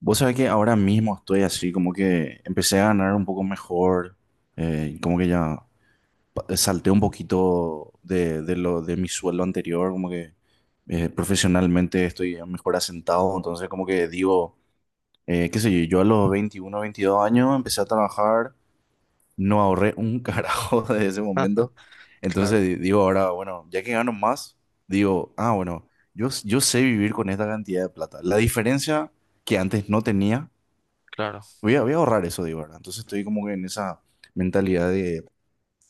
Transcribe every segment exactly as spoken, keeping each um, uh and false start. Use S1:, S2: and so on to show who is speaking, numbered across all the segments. S1: Vos sabés que ahora mismo estoy así, como que empecé a ganar un poco mejor, eh, como que ya pa- eh, salté un poquito de, de lo, de mi sueldo anterior, como que eh, profesionalmente estoy mejor asentado, entonces como que digo, eh, qué sé yo, yo a los veintiuno veintidós años empecé a trabajar, no ahorré un carajo desde ese momento. Entonces
S2: Claro,
S1: di- digo ahora, bueno, ya que gano más, digo, ah, bueno, yo, yo sé vivir con esta cantidad de plata. La diferencia que antes no tenía.
S2: claro,
S1: Voy a, voy a ahorrar eso, digo, ¿verdad? Entonces estoy como que en esa mentalidad de,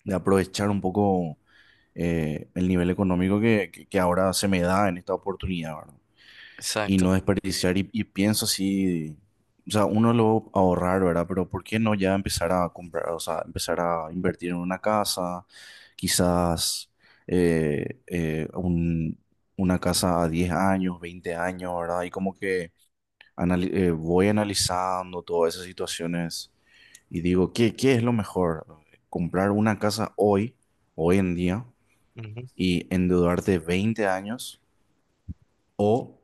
S1: de aprovechar un poco eh, el nivel económico que, que- que ahora se me da en esta oportunidad, ¿verdad? Y
S2: exacto.
S1: no desperdiciar y, y pienso así, o sea, uno lo va a ahorrar, ¿verdad? Pero ¿por qué no ya empezar a comprar, o sea, empezar a invertir en una casa, quizás eh, eh, un- una casa a diez años, veinte años? ¿Verdad? Y como que anali- eh, voy analizando todas esas situaciones y digo, ¿qué, qué es lo mejor? ¿Comprar una casa hoy, hoy en día,
S2: Ujú,
S1: y endeudarte veinte años? ¿O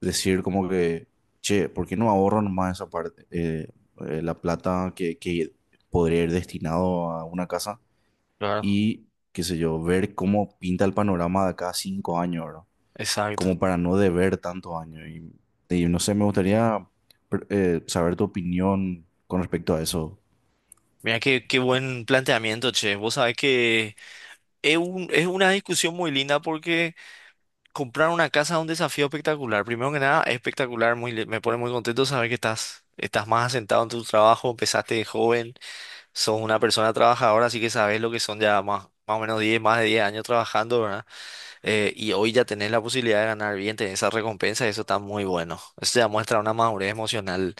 S1: decir como que, che, por qué no ahorro nomás esa parte? Eh, eh, la plata que, que podría ir destinado a una casa
S2: claro,
S1: y, qué sé yo, ver cómo pinta el panorama de acá a cinco años, ¿verdad?
S2: exacto.
S1: Como para no deber tantos años. Y, y no sé, me gustaría pr- eh, saber tu opinión con respecto a eso.
S2: Mira qué, qué buen planteamiento, che. Vos sabés que es un- es una discusión muy linda porque comprar una casa es un desafío espectacular. Primero que nada, es espectacular, muy, li- me pone muy contento saber que estás, estás más asentado en tu trabajo, empezaste de joven, sos una persona trabajadora, así que sabés lo que son ya más, más o menos diez, más de diez años trabajando, ¿verdad? Eh, y hoy ya tenés la posibilidad de ganar bien, tenés esa recompensa, eso está muy bueno. Eso ya muestra una madurez emocional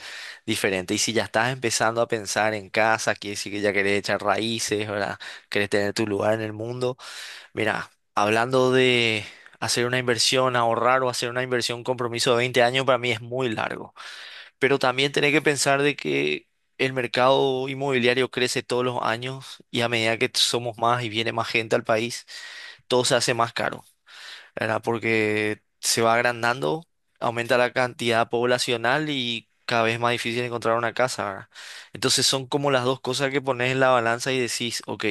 S2: diferente. Y si ya estás empezando a pensar en casa, quiere decir que si ya querés echar raíces, ¿verdad? Querés tener tu lugar en el mundo. Mira, hablando de hacer una inversión, ahorrar o hacer una inversión, un compromiso de veinte años, para mí es muy largo. Pero también tenés que pensar de que el mercado inmobiliario crece todos los años y a medida que somos más y viene más gente al país, todo se hace más caro. ¿Verdad? Porque se va agrandando, aumenta la cantidad poblacional y cada vez más difícil encontrar una casa, ¿verdad? Entonces son como las dos cosas que pones en la balanza y decís, ok,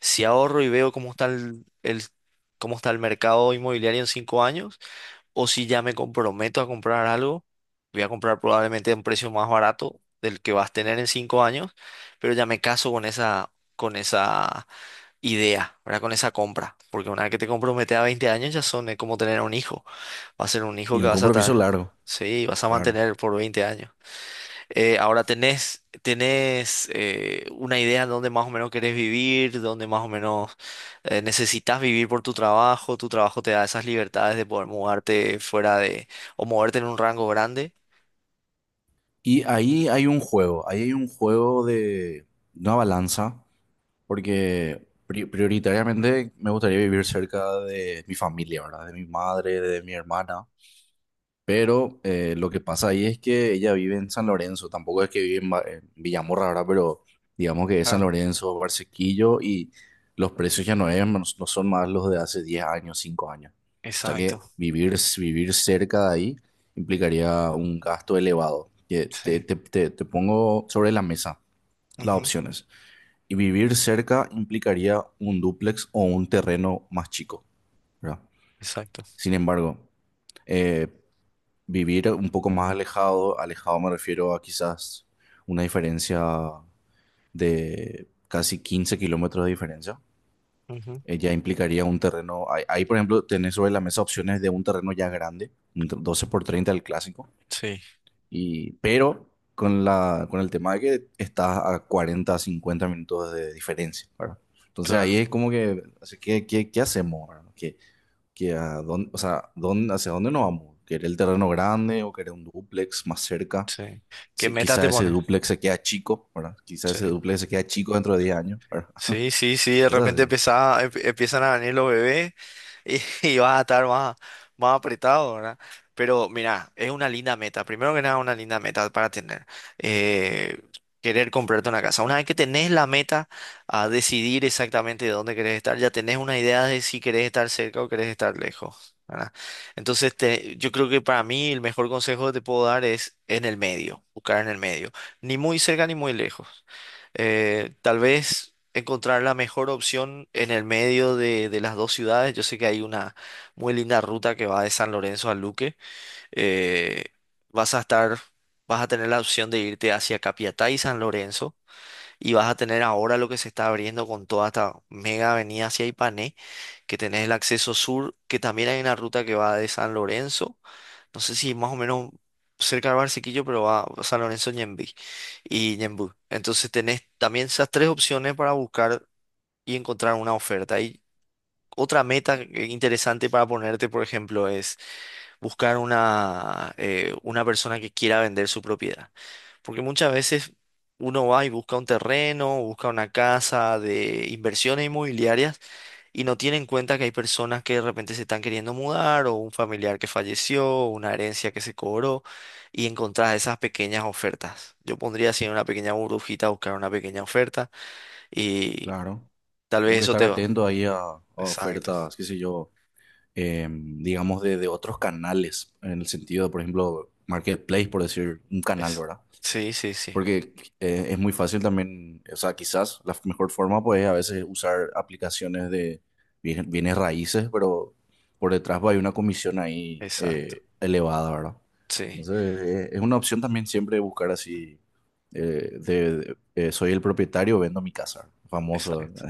S2: si ahorro y veo cómo está el, el- cómo está el mercado inmobiliario en cinco años, o si ya me comprometo a comprar algo, voy a comprar probablemente a un precio más barato del que vas a tener en cinco años, pero ya me caso con esa, con esa idea, ¿verdad? Con esa compra. Porque una vez que te comprometes a veinte años ya son, es como tener un hijo. Va a ser un hijo
S1: Y
S2: que
S1: un
S2: vas a
S1: compromiso
S2: estar,
S1: largo,
S2: sí, vas a
S1: claro.
S2: mantener por veinte años. Eh, ahora tenés, tenés eh, una idea de dónde más o menos querés vivir, dónde más o menos eh, necesitas vivir por tu trabajo. Tu trabajo te da esas libertades de poder mudarte fuera de, o moverte en un rango grande.
S1: Y ahí hay un juego, ahí hay un juego de una balanza, porque pri- prioritariamente me gustaría vivir cerca de mi familia, ¿verdad? De mi madre, de mi hermana. Pero eh, lo que pasa ahí es que ella vive en San Lorenzo, tampoco es que vive en, Ma- en Villamorra ahora, pero digamos que es San
S2: Ah,
S1: Lorenzo, Barsequillo. Y los precios ya no, es- no, no son más los de hace diez años, cinco años. O sea
S2: exacto,
S1: que vivir, vivir cerca de ahí implicaría un gasto elevado. Que
S2: sí.
S1: te, te, te, te pongo sobre la mesa las
S2: Ujú,
S1: opciones. Y vivir cerca implicaría un dúplex o un terreno más chico, ¿verdad?
S2: exacto.
S1: Sin embargo, eh, vivir un poco más alejado, alejado me refiero a quizás una diferencia de casi quince kilómetros de diferencia,
S2: Ujú,
S1: eh, ya implicaría un terreno, ahí, ahí, por ejemplo tenés sobre la mesa opciones de un terreno ya grande, un ter- doce por treinta el clásico.
S2: sí,
S1: Y, pero con la, con el tema de que estás a cuarenta cincuenta minutos de diferencia, ¿verdad? Entonces ahí
S2: claro,
S1: es como que, así que, ¿qué, qué hacemos? ¿Verdad? ¿Qué, que a dónde, o sea, dónde, hacia dónde nos vamos? ¿Querer el terreno grande o querer un dúplex más cerca?
S2: sí. ¿Qué
S1: Sí,
S2: meta te
S1: quizá ese
S2: pones?
S1: dúplex se queda chico, ¿verdad? Quizá
S2: Sí.
S1: ese dúplex se queda chico dentro de diez años, ¿verdad?
S2: Sí, sí, sí, de
S1: Cosas
S2: repente
S1: así.
S2: empieza- em- empiezan a venir los bebés y, y vas a estar más, más apretado, ¿verdad? Pero mira, es una linda meta. Primero que nada, una linda meta para tener. eh, Querer comprarte una casa. Una vez que tenés la meta a decidir exactamente de dónde querés estar, ya tenés una idea de si querés estar cerca o querés estar lejos, ¿verdad? Entonces, te- yo creo que para mí el mejor consejo que te puedo dar es en el medio, buscar en el medio. Ni muy cerca ni muy lejos. Eh, tal vez encontrar la mejor opción en el medio de, de las dos ciudades. Yo sé que hay una muy linda ruta que va de San Lorenzo a Luque. Eh, vas a estar, vas a tener la opción de irte hacia Capiatá y San Lorenzo. Y vas a tener ahora lo que se está abriendo con toda esta mega avenida hacia Ipané, que tenés el acceso sur, que también hay una ruta que va de San Lorenzo, no sé si más o menos cerca de Barcequillo, pero va a San Lorenzo Ñemby y Ñemby. Entonces tenés también esas tres opciones para buscar y encontrar una oferta. Y otra meta que- interesante para ponerte, por ejemplo, es buscar una, eh, una persona que quiera vender su propiedad. Porque muchas veces uno va y busca un terreno, busca una casa de inversiones inmobiliarias y no tiene en cuenta que hay personas que de repente se están queriendo mudar o un familiar que falleció, o una herencia que se cobró y encontrás esas pequeñas ofertas. Yo pondría así en una pequeña burbujita, buscar una pequeña oferta y
S1: Claro.
S2: tal vez
S1: Como que
S2: eso
S1: estar
S2: te va.
S1: atento ahí a, a
S2: Exacto.
S1: ofertas, qué sé yo, eh, digamos de, de otros canales, en el sentido de, por ejemplo, Marketplace, por decir un canal,
S2: Es...
S1: ¿verdad?
S2: Sí, sí, sí.
S1: Porque eh, es muy fácil también, o sea, quizás la mejor forma pues a veces usar aplicaciones de bienes, bienes raíces. Pero por detrás va, hay una comisión ahí
S2: Exacto.
S1: eh, elevada, ¿verdad?
S2: Sí,
S1: Entonces eh, es una opción también siempre buscar así, eh, de, de- eh, soy el propietario, vendo mi casa, famoso,
S2: exacto.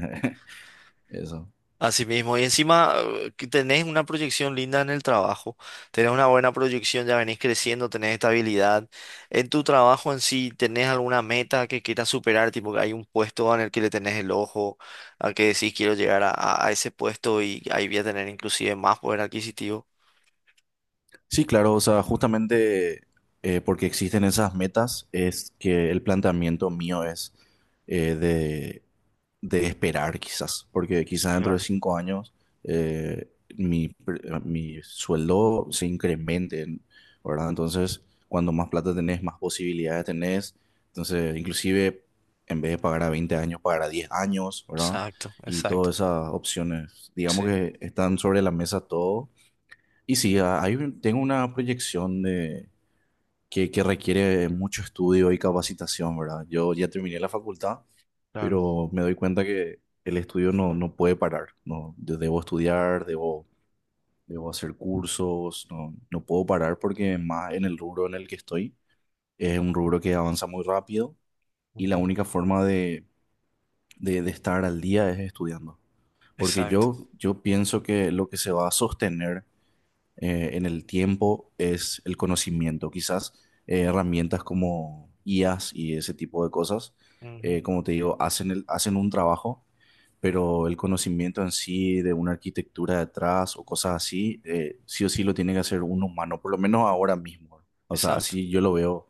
S1: eso.
S2: Así mismo, y encima eh, que tenés una proyección linda en el trabajo, tenés una buena proyección, ya venís creciendo, tenés estabilidad. En tu trabajo en sí, ¿tenés alguna meta que quieras superar? Tipo que hay un puesto en el que le tenés el ojo, a que decís quiero llegar a, a- a ese puesto y ahí voy a tener inclusive más poder adquisitivo.
S1: Sí, claro, o sea, justamente, eh, porque existen esas metas es que el planteamiento mío es, eh, de esperar quizás, porque quizás dentro de
S2: Claro.
S1: cinco años eh, mi, pre- eh, mi sueldo se incremente, ¿verdad? Entonces, cuando más plata tenés, más posibilidades tenés. Entonces, inclusive, en vez de pagar a veinte años, pagar a diez años, ¿verdad?
S2: Exacto,
S1: Y
S2: exacto.
S1: todas esas opciones, digamos
S2: Sí,
S1: que están sobre la mesa todo. Y sí, a- hay, un- tengo una proyección de, que, que requiere mucho estudio y capacitación, ¿verdad? Yo ya terminé la facultad,
S2: claro.
S1: pero me doy cuenta que el estudio no, no puede parar, no, yo debo estudiar, debo, debo hacer cursos, no, no puedo parar, porque más en el rubro en el que estoy es un rubro que avanza muy rápido. Y la
S2: Ujú,
S1: única forma de, de, de estar al día es estudiando, porque
S2: exacto.
S1: yo, yo pienso que lo que se va a sostener eh, en el tiempo es el conocimiento. Quizás eh, herramientas como I As y ese tipo de cosas,
S2: Ujú,
S1: eh, como te digo, hacen, el- hacen un trabajo. Pero el conocimiento en sí de una arquitectura detrás o cosas así, eh, sí o sí lo tiene que hacer un humano, por lo menos ahora mismo. O sea,
S2: exacto.
S1: así yo lo veo.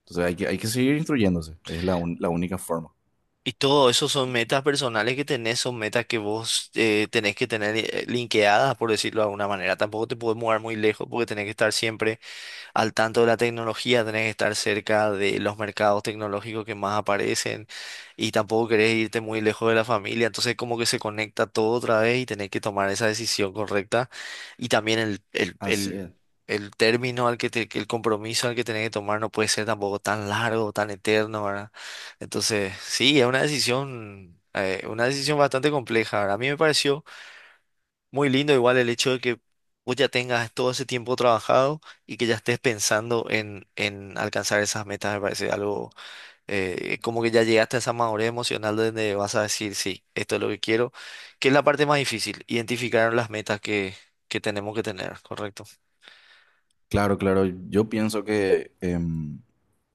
S1: Entonces hay que, hay que seguir instruyéndose, es la, un- la única forma.
S2: Y todo eso son metas personales que tenés, son metas que vos eh, tenés que tener eh, linkeadas, por decirlo de alguna manera. Tampoco te puedes mover muy lejos porque tenés que estar siempre al tanto de la tecnología, tenés que estar cerca de los mercados tecnológicos que más aparecen y tampoco querés irte muy lejos de la familia. Entonces como que se conecta todo otra vez y tenés que tomar esa decisión correcta y también el, el,
S1: Así
S2: el,
S1: es.
S2: el término al que te- el compromiso al que tenés que tomar no puede ser tampoco tan largo, tan eterno, ¿verdad? Entonces, sí, es una decisión, eh, una decisión bastante compleja. ¿Verdad? A mí me pareció muy lindo igual el hecho de que vos ya tengas todo ese tiempo trabajado y que ya estés pensando en, en alcanzar esas metas, me parece algo eh, como que ya llegaste a esa madurez emocional donde vas a decir, sí, esto es lo que quiero, que es la parte más difícil, identificar las metas que, que tenemos que tener, ¿correcto?
S1: Claro, claro, yo pienso que... em,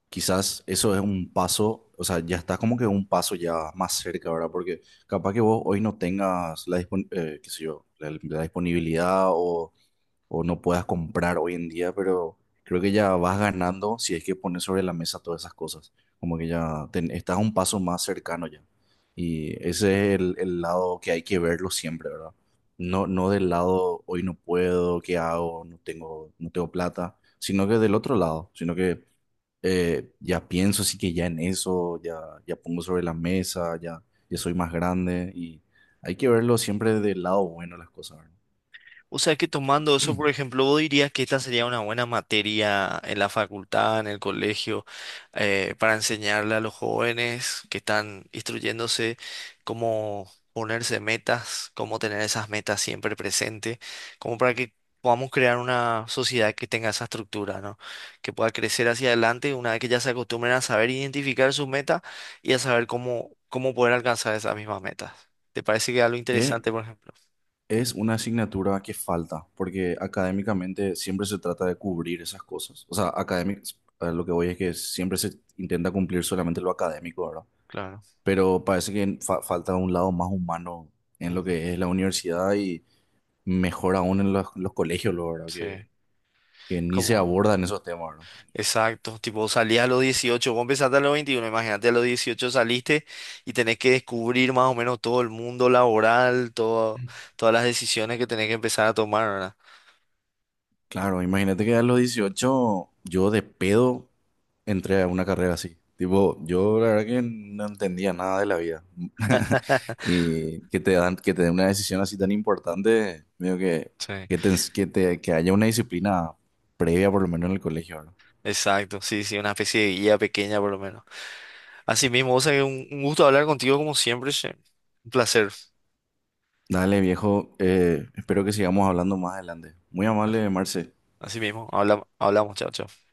S1: quizás eso es un paso, o sea, ya estás como que un paso ya más cerca, ¿verdad? Porque capaz que vos hoy no tengas la, dispon- eh, qué sé yo, la, la disponibilidad o, o no puedas comprar hoy en día. Pero creo que ya vas ganando si es que pones sobre la mesa todas esas cosas, como que ya ten- estás un paso más cercano ya. Y ese es el, el lado que hay que verlo siempre, ¿verdad? No, no del lado, hoy no puedo, ¿qué hago? No tengo, no tengo plata, sino que del otro lado, sino que eh, ya pienso así que ya en eso, ya, ya pongo sobre la mesa, ya, ya soy más grande y hay que verlo siempre del lado bueno de las cosas, ¿verdad?
S2: O sea que tomando eso, por ejemplo, vos dirías que esta sería una buena materia en la facultad, en el colegio, eh, para enseñarle a los jóvenes que están instruyéndose cómo ponerse metas, cómo tener esas metas siempre presentes, como para que podamos crear una sociedad que tenga esa estructura, ¿no? Que pueda crecer hacia adelante una vez que ya se acostumbren a saber identificar sus metas y a saber cómo, cómo poder alcanzar esas mismas metas. ¿Te parece que es algo
S1: Es,
S2: interesante, por ejemplo?
S1: es una asignatura que falta, porque académicamente siempre se trata de cubrir esas cosas. O sea, académic, a lo que voy es que siempre se intenta cumplir solamente lo académico, ¿verdad?
S2: Claro.
S1: Pero parece que fa- falta un lado más humano en lo
S2: Ujú.
S1: que es la universidad, y mejor aún en los, los colegios, lo ¿verdad?
S2: Sí,
S1: Que, que ni se
S2: como,
S1: abordan esos temas, ¿verdad?
S2: exacto, tipo salías a los dieciocho, vos empezaste a los veintiuno. Imagínate a los dieciocho saliste y tenés que descubrir más o menos todo el mundo laboral, todo, todas las decisiones que tenés que empezar a tomar, ¿verdad?
S1: Claro, imagínate que a los dieciocho yo de pedo entré a una carrera así. Tipo, yo la verdad que no entendía nada de la vida. Y que te dan, que te den una decisión así tan importante, medio que,
S2: Sí,
S1: que, te ens- que, te- que haya una disciplina previa por lo menos en el colegio, ¿verdad?
S2: exacto, sí, sí, una especie de guía pequeña por lo menos. Así mismo, o sea, que un, un gusto hablar contigo como siempre, che. Un placer.
S1: Dale, viejo, eh, espero que sigamos hablando más adelante. Muy amable, Marce.
S2: Así mismo, habla- hablamos, chao, chao.